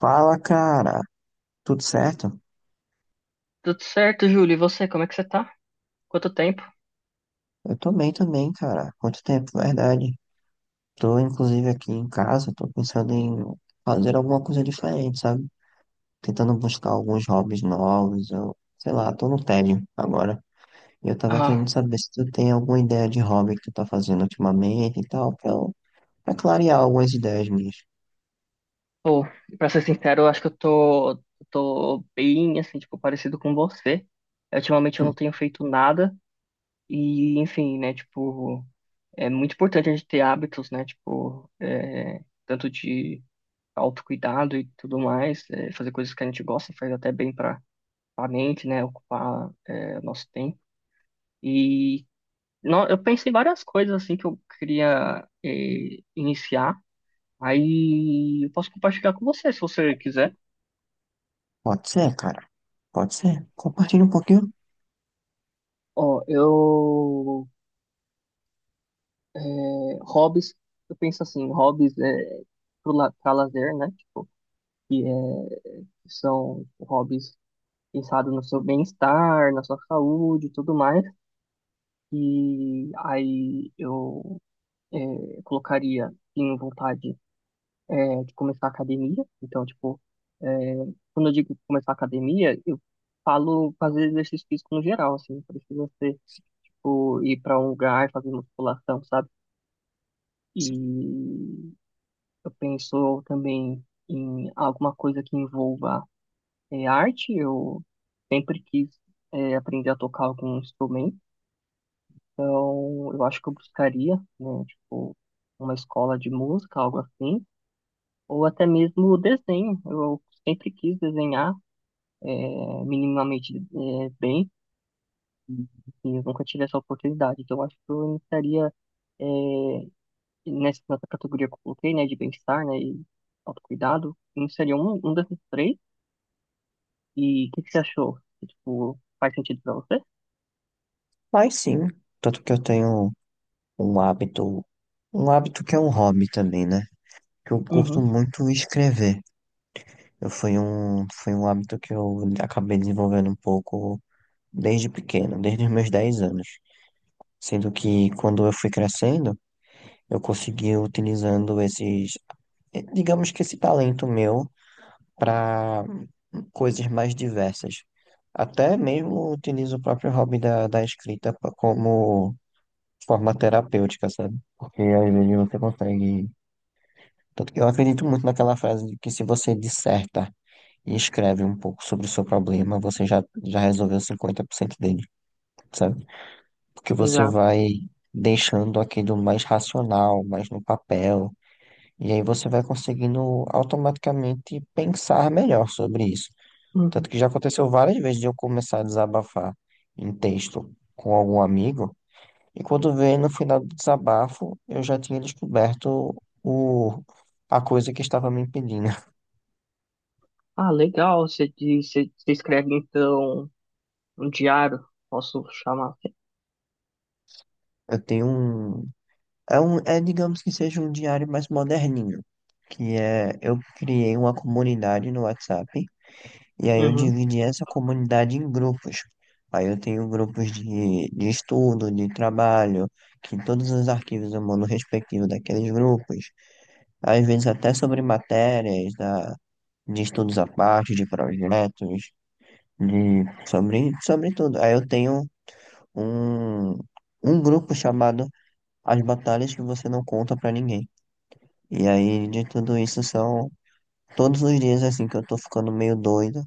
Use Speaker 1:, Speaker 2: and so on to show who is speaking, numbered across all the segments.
Speaker 1: Fala, cara. Tudo certo?
Speaker 2: Tudo certo, Júlio? E você, como é que você tá? Quanto tempo?
Speaker 1: Eu tô bem também, cara. Quanto tempo, verdade. Tô, inclusive, aqui em casa. Tô pensando em fazer alguma coisa diferente, sabe? Tentando buscar alguns hobbies novos. Eu, sei lá, tô no tédio agora. E eu tava
Speaker 2: Ah,
Speaker 1: querendo saber se tu tem alguma ideia de hobby que tu tá fazendo ultimamente e tal, pra clarear algumas ideias minhas.
Speaker 2: pô, Pra ser sincero, eu acho que eu tô bem, assim, tipo, parecido com você. Ultimamente eu
Speaker 1: Hum.
Speaker 2: não tenho feito nada e, enfim, né, tipo, é muito importante a gente ter hábitos, né, tipo, tanto de autocuidado e tudo mais, fazer coisas que a gente gosta faz até bem para a mente, né? Ocupar nosso tempo. E eu pensei várias coisas assim que eu queria iniciar. Aí eu posso compartilhar com você, se você quiser.
Speaker 1: Pode ser, cara. Pode ser. Compartilha um pouquinho.
Speaker 2: Ó, eu é, hobbies, eu penso assim, hobbies é para lazer, né? Tipo, que é, são hobbies pensados no seu bem-estar, na sua saúde, e tudo mais. E aí eu colocaria tenho vontade de começar a academia. Então, tipo, é, quando eu digo começar a academia, eu falo fazer exercício físico no geral, assim, não precisa ser, tipo, ir para um lugar, fazer musculação, sabe? E eu penso também em alguma coisa que envolva arte. Eu sempre quis aprender a tocar algum instrumento, então eu acho que eu buscaria, né, tipo, uma escola de música, algo assim, ou até mesmo o desenho. Eu sempre quis desenhar minimamente bem, e eu nunca tive essa oportunidade. Então, eu acho que eu iniciaria é, nessa categoria que eu coloquei, né, de bem-estar, né, e autocuidado, eu iniciaria um desses três. E o que, que você achou? Tipo, faz sentido pra você?
Speaker 1: Mas sim. Tanto que eu tenho um hábito, um hábito que é um hobby também, né? Que eu curto
Speaker 2: Uhum,
Speaker 1: muito escrever. Eu foi um hábito que eu acabei desenvolvendo um pouco desde pequeno, desde os meus 10 anos. Sendo que quando eu fui crescendo, eu consegui utilizando digamos que esse talento meu para coisas mais diversas. Até mesmo utilizo o próprio hobby da escrita como forma terapêutica, sabe? Porque às vezes você consegue. Tanto que eu acredito muito naquela frase de que se você disserta e escreve um pouco sobre o seu problema, você já resolveu 50% dele, sabe? Porque você
Speaker 2: exato.
Speaker 1: vai deixando aquilo mais racional, mais no papel, e aí você vai conseguindo automaticamente pensar melhor sobre isso. Tanto
Speaker 2: Uhum.
Speaker 1: que já aconteceu várias vezes de eu começar a desabafar em texto com algum amigo, e quando veio no final do desabafo, eu já tinha descoberto o, a coisa que estava me impedindo.
Speaker 2: Ah, legal. Você, você escreve então um diário, posso chamar assim.
Speaker 1: Eu tenho um, É um, digamos que seja um diário mais moderninho, eu criei uma comunidade no WhatsApp e aí eu
Speaker 2: Uhum.
Speaker 1: dividi essa comunidade em grupos. Aí eu tenho grupos de estudo, de trabalho, que todos os arquivos eu mando respectivo daqueles grupos. Às vezes até sobre matérias, de estudos à parte, de projetos, sobre tudo. Aí eu tenho um, um grupo chamado As Batalhas que Você Não Conta Pra Ninguém. E aí de tudo isso são todos os dias assim que eu tô ficando meio doido.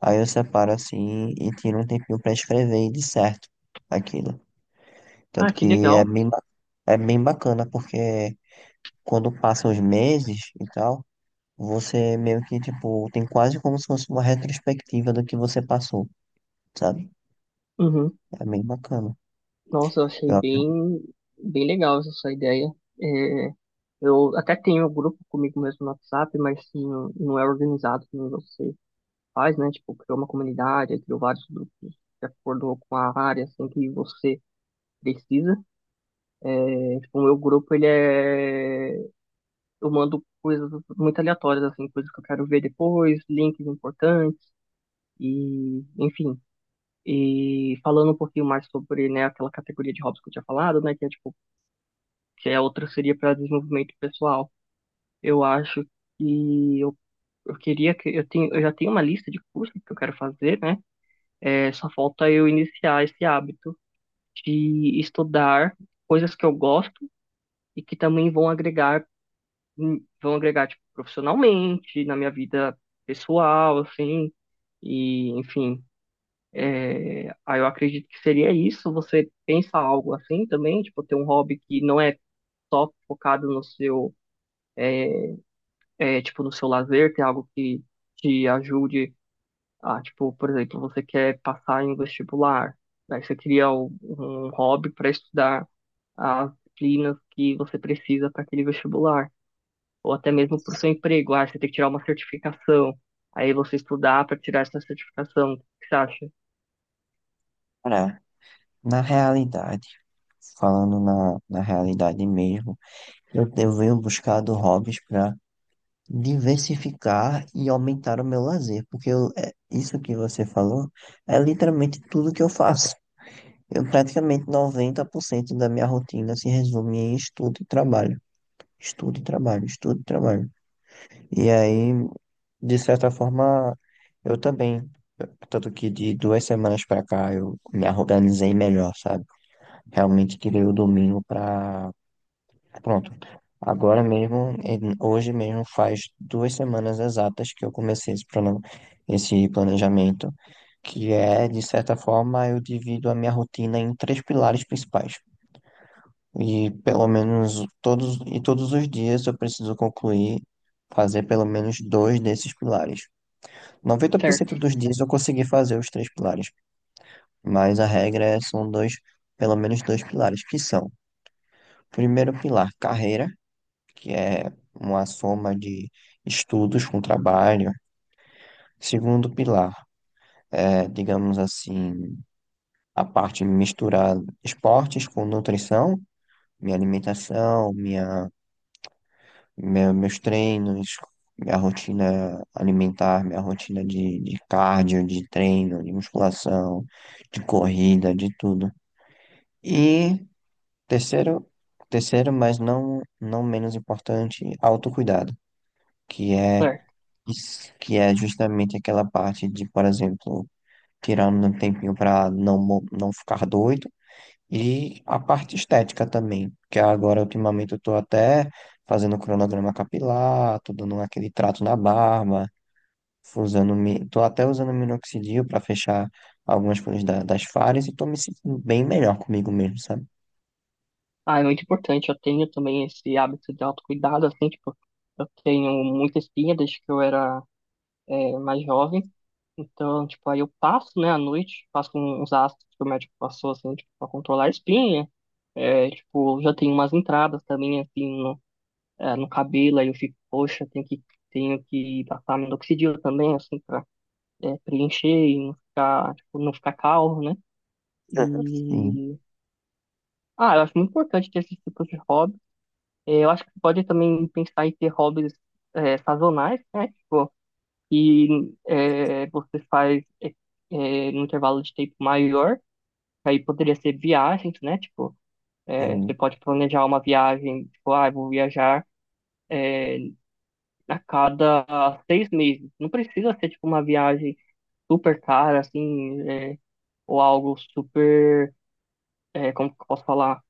Speaker 1: Aí eu separo assim e tiro um tempinho pra escrever de certo aquilo.
Speaker 2: Ah,
Speaker 1: Tanto
Speaker 2: que
Speaker 1: que
Speaker 2: legal.
Speaker 1: é bem bacana porque quando passam os meses e tal, você meio que tipo tem quase como se fosse uma retrospectiva do que você passou, sabe?
Speaker 2: Uhum.
Speaker 1: É bem bacana.
Speaker 2: Nossa, eu achei
Speaker 1: Eu aprendi
Speaker 2: bem, bem legal essa sua ideia. É, eu até tenho um grupo comigo mesmo no WhatsApp, mas assim, não, não é organizado como você faz, né? Tipo, criou uma comunidade, aí criou vários grupos de acordo com a área, assim, que você precisa. É, tipo, o meu grupo, ele é... Eu mando coisas muito aleatórias, assim, coisas que eu quero ver depois, links importantes e, enfim... E falando um pouquinho mais sobre, né, aquela categoria de hobbies que eu tinha falado, né, que é, tipo, que a outra seria para desenvolvimento pessoal. Eu acho que eu queria que eu tenho, eu já tenho uma lista de cursos que eu quero fazer, né? É, só falta eu iniciar esse hábito de estudar coisas que eu gosto e que também vão agregar tipo, profissionalmente, na minha vida pessoal, assim, e enfim. Aí eu acredito que seria isso. Você pensa algo assim também, tipo, ter um hobby que não é só focado no seu tipo, no seu lazer, ter algo que te ajude a, tipo, por exemplo, você quer passar em um vestibular, daí você cria um hobby para estudar as disciplinas que você precisa para aquele vestibular, ou até mesmo para o seu emprego, ah, você tem que tirar uma certificação, aí você estudar para tirar essa certificação, o que você acha?
Speaker 1: a parar. Na realidade, falando na realidade mesmo, eu venho buscado hobbies diversificar e aumentar o meu lazer, porque isso que você falou é literalmente tudo que eu faço. Eu praticamente 90% da minha rotina se resume em estudo e trabalho. Estudo e trabalho, estudo e trabalho. E aí, de certa forma, eu também, tanto que de 2 semanas pra cá eu me organizei melhor, sabe? Realmente tirei o domingo pra. Pronto. Agora mesmo, hoje mesmo faz 2 semanas exatas que eu comecei esse plano, esse planejamento, que é, de certa forma, eu divido a minha rotina em três pilares principais. E pelo menos todos os dias eu preciso concluir, fazer pelo menos dois desses pilares. Noventa por
Speaker 2: Certo,
Speaker 1: cento dos dias eu consegui fazer os três pilares, mas a regra são dois, pelo menos dois pilares, que são, primeiro pilar, carreira, que é uma soma de estudos com trabalho. Segundo pilar, digamos assim, a parte de misturar esportes com nutrição, minha alimentação, meus treinos, minha rotina alimentar, minha rotina de cardio, de treino, de musculação, de corrida, de tudo. E terceiro, terceiro, mas não menos importante, autocuidado, que é
Speaker 2: certo.
Speaker 1: isso. Que é justamente aquela parte de, por exemplo, tirando um tempinho para não ficar doido, e a parte estética também, que agora ultimamente eu tô até fazendo cronograma capilar, tô dando aquele trato na barba, tô até usando minoxidil para fechar algumas coisas das falhas e tô me sentindo bem melhor comigo mesmo, sabe?
Speaker 2: Ah, é muito importante, eu tenho também esse hábito de autocuidado, assim, tipo, eu tenho muita espinha desde que eu era mais jovem. Então, tipo, aí eu passo, né, à noite, passo com uns ácidos que o médico passou, assim, tipo, pra controlar a espinha. É, tipo, já tenho umas entradas também, assim, no, no cabelo, aí eu fico, poxa, tenho que passar minoxidil também, assim, pra preencher e não ficar, tipo, não ficar calvo, né?
Speaker 1: Sim,
Speaker 2: E... Ah, eu acho muito importante ter esse tipo de hobby. É, eu acho que pode também pensar em ter hobbies sazonais, né? Tipo, e você faz no intervalo de tempo maior, aí poderia ser viagens, né? Tipo, você
Speaker 1: sim,
Speaker 2: pode planejar uma viagem, tipo, ah, eu vou viajar é, a cada 6 meses. Não precisa ser, tipo, uma viagem super cara, assim, ou algo super, como que eu posso falar?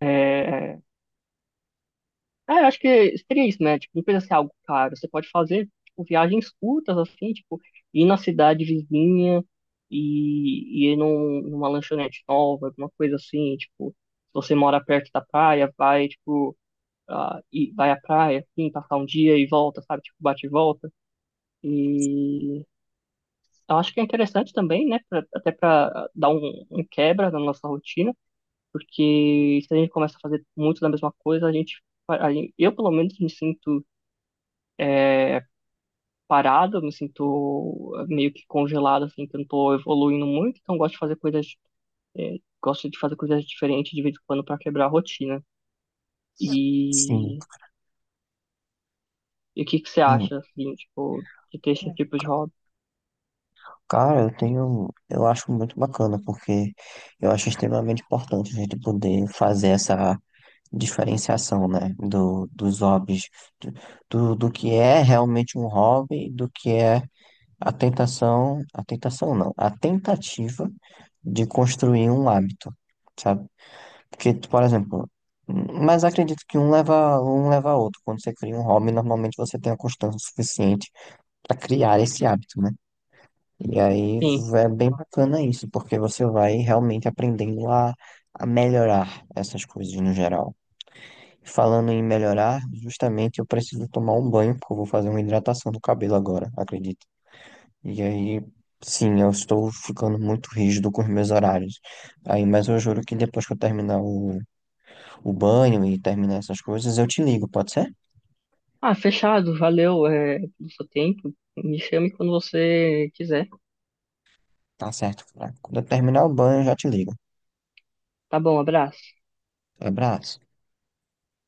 Speaker 2: É, eu acho que seria isso, né? Tipo, não precisa ser algo caro. Você pode fazer, tipo, viagens curtas, assim, tipo, ir na cidade vizinha e ir num, numa lanchonete nova, alguma coisa assim, tipo, se você mora perto da praia, vai, tipo, ah, e vai à praia, assim, passar um dia e volta, sabe? Tipo, bate e volta. E eu acho que é interessante também, né? Até pra dar um, um quebra na nossa rotina, porque se a gente começa a fazer muito da mesma coisa, a gente, eu, pelo menos, me sinto é, parada, me sinto meio que congelado, assim, que eu não tô evoluindo muito, então gosto de fazer coisas, é, gosto de fazer coisas diferentes de vez em quando para quebrar a rotina.
Speaker 1: sim.
Speaker 2: E, e o que que você
Speaker 1: Hum.
Speaker 2: acha, assim, tipo, de ter esse tipo de hobby?
Speaker 1: Cara, eu acho muito bacana, porque eu acho extremamente importante a gente poder fazer essa diferenciação, né, dos hobbies, do, do que é realmente um hobby, do que é a tentação não, a tentativa de construir um hábito, sabe? Porque, por exemplo, mas acredito que um leva a outro. Quando você cria um hobby, normalmente você tem a constância suficiente para criar esse hábito, né? E aí
Speaker 2: Sim.
Speaker 1: é bem bacana isso, porque você vai realmente aprendendo a melhorar essas coisas no geral. Falando em melhorar, justamente eu preciso tomar um banho, porque eu vou fazer uma hidratação do cabelo agora, acredito. E aí, sim, eu estou ficando muito rígido com os meus horários. Aí, mas eu juro que depois que eu terminar o banho e terminar essas coisas, eu te ligo, pode ser?
Speaker 2: Ah, fechado, valeu, pelo seu tempo. Me chame quando você quiser.
Speaker 1: Tá certo, cara. Quando eu terminar o banho, eu já te ligo.
Speaker 2: Tá bom, abraço.
Speaker 1: Abraço.